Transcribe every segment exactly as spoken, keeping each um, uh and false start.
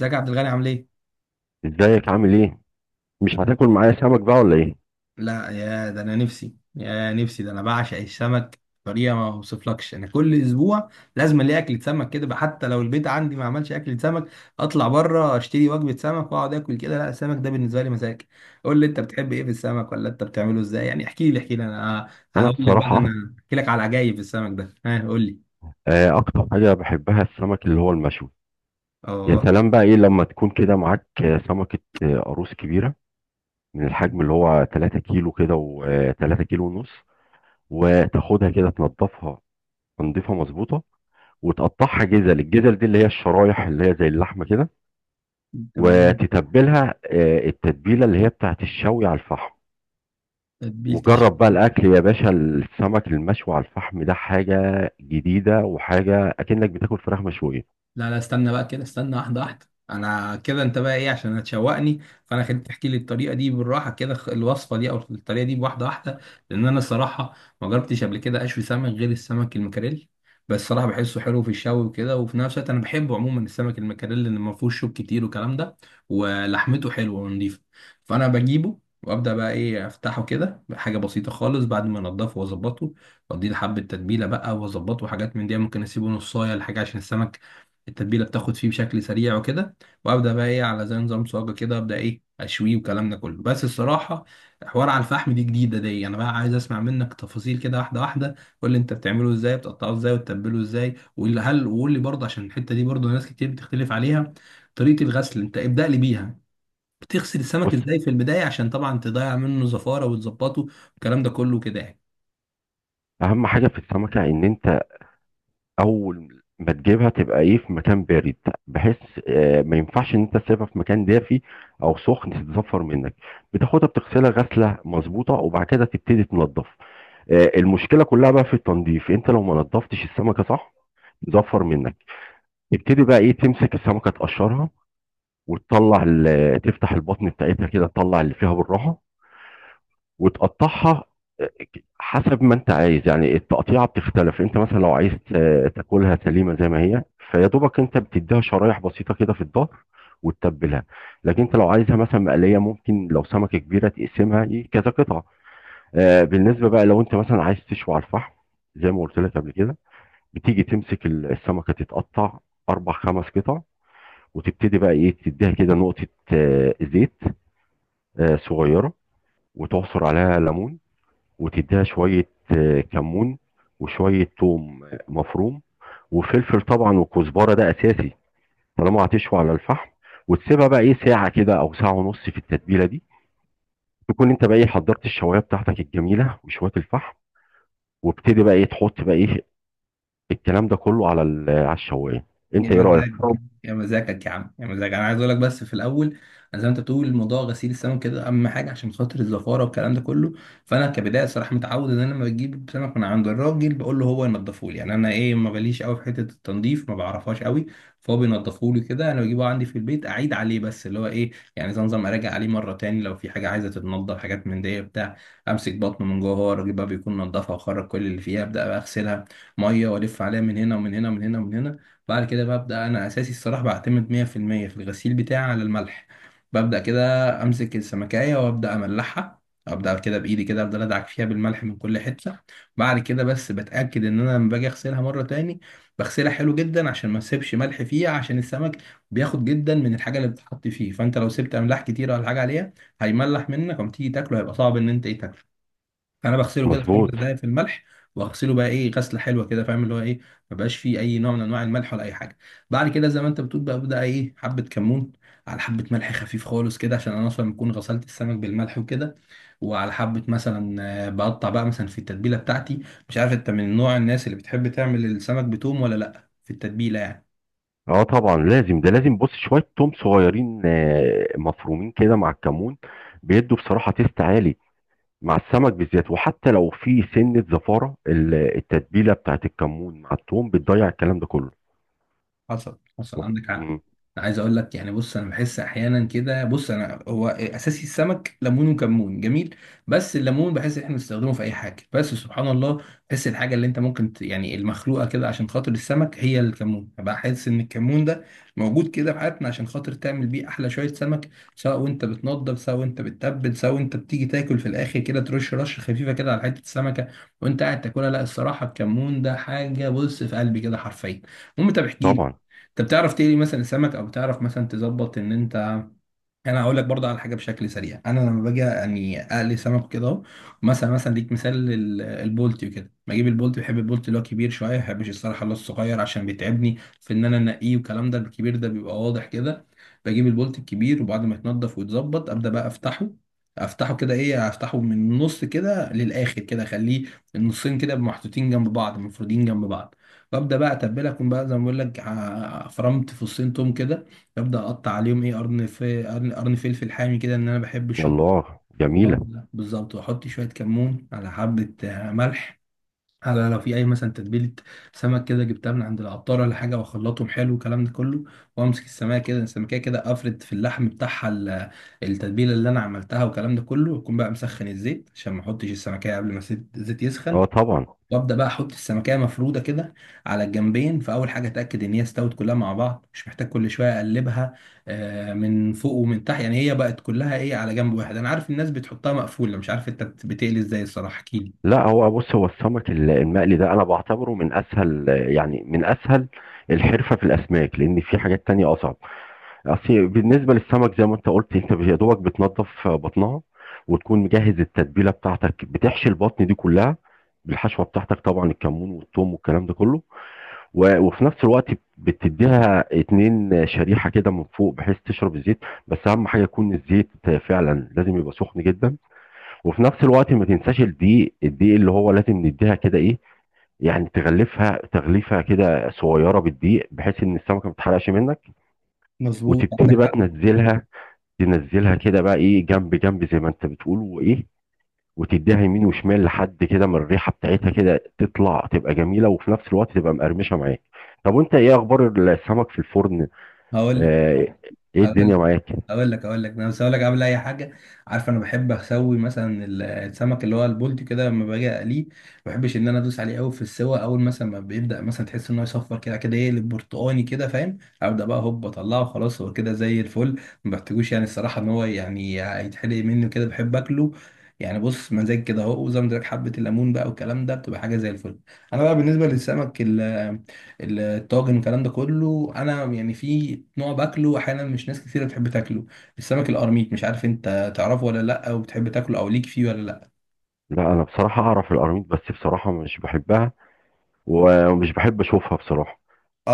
ازيك يا عبد الغني عامل ايه؟ ازيك؟ عامل ايه؟ مش أنا- هتاكل معايا سمك بقى ولا ايه؟ لا يا ده انا نفسي يا نفسي ده انا بعشق السمك بطريقه ما اوصفلكش. انا كل اسبوع لازم الاقي اكله سمك كده بقى، حتى لو البيت عندي ما عملش اكله سمك اطلع بره اشتري وجبه سمك واقعد اكل كده. لا السمك ده بالنسبه لي مزاج. قول لي انت بتحب ايه في السمك ولا انت بتعمله ازاي، يعني احكي لي احكي لي. انا انا هقول لك بقى، ده بصراحه، انا احكي لك على عجايب في السمك ده. ها قول لي. آه، اكتر حاجه بحبها السمك اللي هو المشوي. يا اه. سلام! بقى ايه لما تكون كده معاك آه، سمكه آه، قاروص كبيره، من الحجم اللي هو 3 كيلو كده و3 كيلو ونص. وتاخدها كده، تنضفها تنضيفها مظبوطه، وتقطعها جزل. الجزل دي اللي هي الشرايح اللي هي زي اللحمه كده. تمام. وتتبلها آه، التتبيله اللي هي بتاعت الشوي على الفحم. تتبيلتي. وجرب بقى الاكل يا باشا، السمك المشوي على الفحم ده حاجه جديده، وحاجه اكنك بتاكل فراخ مشويه. لا لا استنى بقى كده، استنى واحدة واحدة. انا كده انت بقى ايه عشان هتشوقني، فانا خليك تحكي لي الطريقة دي بالراحة كده. خ- الوصفة دي او الطريقة دي بواحدة واحدة، لان انا الصراحة ما جربتش قبل كده اشوي سمك غير السمك المكاريل. بس صراحة بحسه حلو في الشوي وكده، وفي نفس الوقت انا بحبه عموما السمك المكاريل لان ما فيهوش شوك كتير والكلام ده، ولحمته حلوة ونضيفة. فانا بجيبه وابدا بقى ايه افتحه كده حاجه بسيطه خالص بعد ما انضفه واظبطه، واديه حبه تتبيله بقى واظبطه، وحاجات من دي ممكن اسيبه نصايه لحاجه عشان السمك التتبيله بتاخد فيه بشكل سريع وكده. وابدا بقى ايه على زي نظام صاجه كده، ابدا ايه اشويه والكلام ده كله. بس الصراحه حوار على الفحم دي جديده. دي انا بقى عايز اسمع منك تفاصيل كده واحده واحده. قول لي انت بتعمله ازاي، بتقطعه ازاي وتتبله ازاي، وقول لي- هل وقول لي برضه عشان الحته دي برضه ناس كتير بتختلف عليها، طريقه الغسل. انت ابدا لي بيها، بتغسل السمك بص، ازاي في البدايه عشان طبعا تضيع منه زفاره وتظبطه والكلام ده كله كده يعني. اهم حاجه في السمكه ان انت اول ما تجيبها تبقى ايه في مكان بارد، بحيث آه، ما ينفعش ان انت تسيبها في مكان دافي او سخن، تتزفر منك. بتاخدها بتغسلها غسله مظبوطه، وبعد كده تبتدي تنضف. آه، المشكله كلها بقى في التنظيف. انت لو ما نضفتش السمكه صح، تزفر منك. تبتدي بقى ايه تمسك السمكه تقشرها، وتطلع ال- تفتح البطن بتاعتها كده تطلع اللي فيها بالراحه، وتقطعها. آه، حسب ما انت عايز يعني، التقطيعه بتختلف. انت مثلا لو عايز ت- تاكلها سليمه زي ما هي، فيا دوبك انت بتديها شرايح بسيطه كده في الظهر، وتتبلها. لكن انت لو عايزها مثلا مقليه، ممكن لو سمكه كبيره تقسمها ي- كذا قطعه. آه، بالنسبه بقى لو انت مثلا عايز تشوي على الفحم، زي ما قلت لك قبل كده، بتيجي تمسك ال- السمكه، تتقطع اربع خمس قطع. وتبتدي بقى ايه تديها كده نقطه آه، زيت آه، صغيرة، وتعصر عليها ليمون، وتديها شوية آه، كمون، وشوية توم آه، مفروم، وفلفل طبعا، وكزبرة ده أساسي، طالما هتشوي على الفحم. وتسيبها بقى إيه ساعة كده أو ساعة ونص في التتبيلة دي، تكون أنت بقى إيه حضرت الشواية بتاعتك الجميلة وشوية الفحم، وابتدي بقى إيه تحط بقى إيه الكلام ده كله على ال- على الشواية. يا أنت إيه رأيك؟ مزاج، طب. يا مزاجك يا عم، يا مزاج انا عايز اقول لك بس في الاول. انا زي ما انت بتقول موضوع غسيل السمك كده اهم حاجه عشان خاطر الزفاره والكلام ده كله. فانا كبدايه صراحه متعود ان انا لما بجيب سمك من عند الراجل بقول له هو ينضفه لي، يعني انا ايه ما بليش قوي في حته التنظيف، ما بعرفهاش قوي. فهو بينضفه لي كده، انا بجيبه عندي في البيت اعيد عليه بس اللي هو ايه، يعني زي نظام اراجع عليه مره تاني لو في حاجه عايزه تتنضف حاجات من دي بتاع. امسك بطنه من جوه، هو الراجل بقى بيكون نضفها وخرج كل اللي فيها، ابدا بقى اغسلها ميه والف عليها من هنا ومن هنا ومن هنا ومن هنا. بعد كده ببدأ أنا أساسي الصراحة بعتمد مية في المية في المية في الغسيل بتاعي على الملح. ببدأ كده أمسك السمكاية وأبدأ أملحها. أبدأ كده بإيدي كده أفضل أدعك فيها بالملح من كل حتة. بعد كده بس بتأكد إن أنا لما باجي أغسلها مرة تاني بغسلها حلو جدا عشان ما أسيبش ملح فيها، عشان السمك بياخد جدا من الحاجة اللي بتتحط فيه. فأنت لو سبت أملاح كتير ولا حاجة عليها هيملح منك، وما تيجي تاكله هيبقى صعب إن أنت إيه تاكله. انا بغسله كده في خمس مظبوط. دقايق في الملح، واغسله بقى ايه غسله حلوه كده، فاهم اللي هو ايه ما بقاش فيه اي نوع من انواع الملح ولا اي حاجه. بعد كده زي ما انت بتقول بقى ابدا ايه حبه كمون على حبه ملح خفيف خالص كده، عشان انا اصلا بكون غسلت السمك بالملح وكده. وعلى حبه مثلا آه، بقطع بقى مثلا في التتبيله بتاعتي. مش عارف انت من نوع الناس اللي بتحب تعمل السمك بتوم ولا لا في التتبيله يعني. اه طبعا لازم، ده لازم. بص، شويه توم صغيرين آه، مفرومين كده مع الكمون، بيدوا بصراحه تيست عالي مع السمك بالذات. وحتى لو في سنة زفارة، ال- التتبيلة بتاعت الكمون مع الثوم بتضيع الكلام ده كله. حصل حصل وح- عندك حق. مم. انا عايز اقول لك، يعني بص انا بحس احيانا كده، بص انا هو اساسي السمك ليمون وكمون جميل، بس الليمون بحس ان احنا بنستخدمه في اي حاجه. بس سبحان الله بحس الحاجه اللي انت ممكن ت- يعني المخلوقه كده عشان خاطر السمك هي الكمون بقى. حاسس ان الكمون ده موجود كده في حياتنا عشان خاطر تعمل بيه احلى شويه سمك. سواء وانت بتنضف، سواء وانت بتتبل، سواء وانت بتيجي تاكل في الاخر كده ترش رشه خفيفه كده على حته السمكه وانت قاعد تاكلها. لا الصراحه الكمون ده حاجه بص في قلبي كده حرفيا. المهم طب احكي لي، طبعا. انت بتعرف تقلي مثلا سمك، او بتعرف مثلا تظبط ان انت. انا هقول لك برضه على حاجه بشكل سريع، انا لما باجي يعني اقلي سمك كده اهو مثلا مثلا ليك مثال لل- البولتي وكده. بجيب البولتي، بحب البولتي اللي هو كبير شويه، ما بحبش الصراحه اللي هو الصغير عشان بيتعبني في ان انا انقيه والكلام ده، الكبير ده بيبقى واضح كده. بجيب البولتي الكبير وبعد ما يتنضف ويتظبط ابدا بقى افتحه. افتحه كده ايه افتحه من النص كده للاخر كده، اخليه النصين كده محطوطين جنب بعض مفرودين جنب بعض. وابدا بقى اتبلها، اكون بقى زي ما بقول لك ع- فرمت فصين توم كده، ابدا اقطع عليهم ايه قرن في قرن، قرن فلفل حامي كده ان انا بحب الشطه. الله، والقرن جميلة. ده بالظبط، واحط شويه كمون على حبه آه، ملح، على لو في اي مثلا تتبيله سمك كده جبتها من عند العطار ولا حاجه، واخلطهم حلو والكلام ده كله. وامسك السمكه كده السمكه كده افرد في اللحم بتاعها ال- التتبيله اللي انا عملتها والكلام ده كله. واكون بقى مسخن الزيت عشان ما احطش السمكه قبل ما الزيت الزيت يسخن. اه طبعا. وابدا بقى احط السمكيه مفروده كده على الجنبين. فاول حاجه اتاكد ان هي استوت كلها مع بعض، مش محتاج كل شويه اقلبها آه، من فوق ومن تحت، يعني هي بقت كلها ايه على جنب واحد. انا عارف الناس بتحطها مقفوله، مش عارف انت بتقلي ازاي الصراحه احكي لي. لا، هو بص، هو السمك ال- المقلي ده انا بعتبره من اسهل، يعني من اسهل الحرفة في الاسماك، لان في حاجات تانية اصعب. اصل بالنسبة للسمك، زي ما انت قلت، انت يا دوبك بتنضف بطنها، وتكون مجهز التتبيلة بتاعتك، بتحشي البطن دي كلها بالحشوة بتاعتك، طبعا الكمون والثوم والكلام ده كله. و- وفي نفس الوقت بتديها اتنين شريحه كده من فوق بحيث تشرب الزيت. بس اهم حاجه يكون الزيت فعلا، لازم يبقى سخن جدا. وفي نفس الوقت ما تنساش الدقيق، الدقيق اللي هو لازم نديها كده ايه، يعني تغلفها تغليفه كده صغيره بالدقيق، بحيث ان السمكه ما تتحرقش منك. مظبوط وتبتدي عندك بقى حق. تنزلها، تنزلها كده بقى ايه جنب جنب، زي ما انت بتقول، وايه، وتديها يمين وشمال، لحد كده من الريحه بتاعتها كده تطلع تبقى جميله، وفي نفس الوقت تبقى مقرمشه معاك. طب، وانت ايه اخبار السمك في الفرن؟ هقول لك آه. ايه الدنيا هقول معاك؟ هقول لك هقول لك انا بس هقول لك قبل اي حاجه. عارف انا بحب اسوي مثلا ال- السمك اللي هو البولتي كده لما باجي اقليه، ما بحبش ان انا ادوس عليه قوي في السوا. اول مثلا ما بيبدا مثلا تحس ان هو يصفر كده، كده يقلب برتقاني كده، فاهم، ابدا بقى هوب اطلعه خلاص. هو كده زي الفل، ما بحتاجوش يعني الصراحه ان هو يعني يتحرق مني كده، بحب اكله يعني. بص مزاج كده اهو، وزي ما قلت لك حبه الليمون بقى والكلام ده بتبقى حاجه زي الفل. انا بقى بالنسبه للسمك الطاجن الكلام ده كله، انا يعني في نوع باكله احيانا مش ناس كتير بتحب تاكله، السمك القرميط. مش عارف انت تعرفه ولا لا، وبتحب تاكله او ليك فيه ولا لا. لا، انا بصراحه اعرف القراميط، بس بصراحه مش بحبها. ومش بحب اشوفها بصراحه.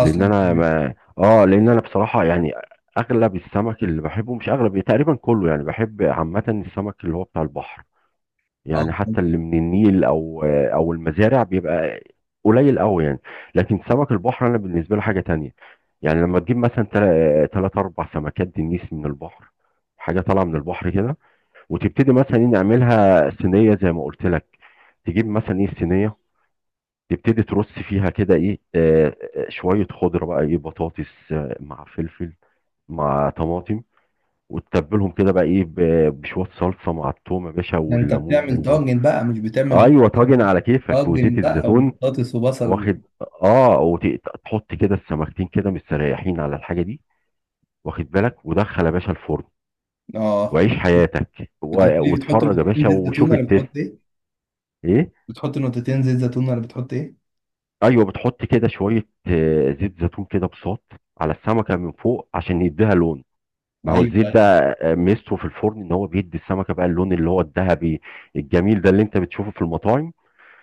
لان انا كمان. ما اه لان انا بصراحه يعني، اغلب السمك اللي بحبه، مش اغلب، تقريبا كله يعني، بحب عامه السمك اللي هو بتاع البحر، اه. يعني حتى اللي من النيل او او المزارع بيبقى قليل قوي يعني. لكن سمك البحر، انا بالنسبه له حاجه تانية. يعني لما تجيب مثلا ثلاث اربع سمكات دنيس من البحر، حاجه طالعه من البحر كده، وتبتدي مثلا إيه نعملها صينيه زي ما قلت لك. تجيب مثلا ايه الصينيه، تبتدي ترص فيها كده ايه آه، آه، شويه خضره بقى ايه، بطاطس آه، مع فلفل، مع طماطم، وتتبلهم كده بقى ايه ب- بشويه صلصه مع التوم يا باشا ده انت والليمون. بتعمل طاجن بقى مش بتعمل بس. ايوه، طاجن على كيفك وزيت طاجن بقى الزيتون. وبطاطس وبصل. واخد. اه، وتحط كده السمكتين كده مستريحين على الحاجه دي، واخد بالك، ودخل يا باشا الفرن، اه. وعيش حياتك، كنت قلت و- لي بتحط واتفرج يا نقطتين باشا زيت زيتون وشوف ولا بتحط التيست. ايه؟ ايه. بتحط نقطتين زيت زيتون ولا بتحط ايه؟ ايوه، بتحط كده شويه آه، زيت زيتون كده بساط على السمكه من فوق عشان يديها لون. ما هو الزيت ايوه. ده آه، ميزته في الفرن ان هو بيدي السمكه بقى اللون اللي هو الذهبي الجميل ده اللي انت بتشوفه في المطاعم.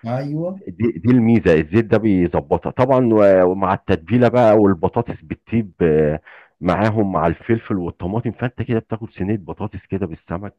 ايوه. دي دي الميزه، الزيت ده بيظبطها طبعا، و- ومع التتبيله بقى والبطاطس بتطيب آه، معاهم مع الفلفل والطماطم، فانت كده بتاكل صينيه بطاطس كده بالسمك.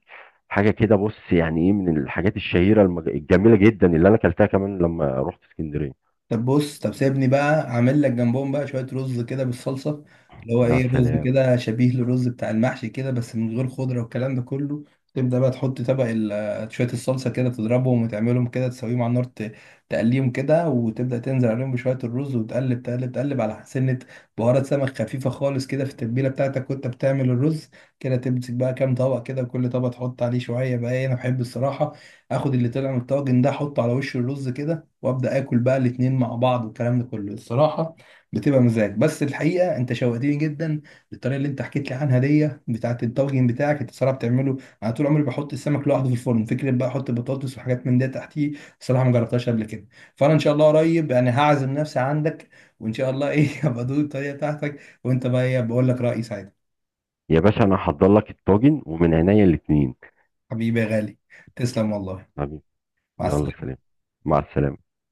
حاجه كده بص يعني ايه، من الحاجات الشهيره المج... الجميله جدا اللي انا اكلتها كمان لما رحت اسكندريه. طب بص، طب سيبني بقى اعمل لك جنبهم بقى شويه رز كده بالصلصه، اللي هو يا ايه رز سلام. كده شبيه للرز بتاع المحشي كده، بس من غير خضره والكلام ده كله. تبدا بقى تحط طبق ال- شويه الصلصه كده، تضربهم وتعملهم كده، تسويهم على النار ت- تقليهم كده، وتبدا تنزل عليهم بشويه الرز، وتقلب تقلب تقلب على سنه بهارات سمك خفيفه خالص كده في التتبيله بتاعتك وانت بتعمل الرز كده. تمسك بقى كام طبق كده، وكل طبق تحط عليه شويه بقى إيه، انا بحب الصراحه اخد اللي طلع من الطاجن ده احطه على وش الرز كده، وابدا اكل بقى الاتنين مع بعض والكلام ده كله. الصراحه بتبقى مزاج. بس الحقيقه انت شوقتني جدا للطريقه اللي انت حكيت لي عنها دي بتاعت الطاجن بتاعك انت صراحه بتعمله. انا طول عمري بحط السمك لوحده في الفرن، فكره بقى احط بطاطس وحاجات من ده تحتيه الصراحه ما جربتهاش قبل كده. فانا ان شاء الله قريب يعني هعزم نفسي عندك، وان شاء الله ايه هبقى ادوق الطريقه بتاعتك، وانت بقى ايه بقول لك رايي ساعتها. يا باشا، انا هحضر لك الطاجن ومن عينيا الاتنين. حبيبي يا غالي، تسلم والله. حبيبي. مع يلا سلام. السلامه. مع السلامه.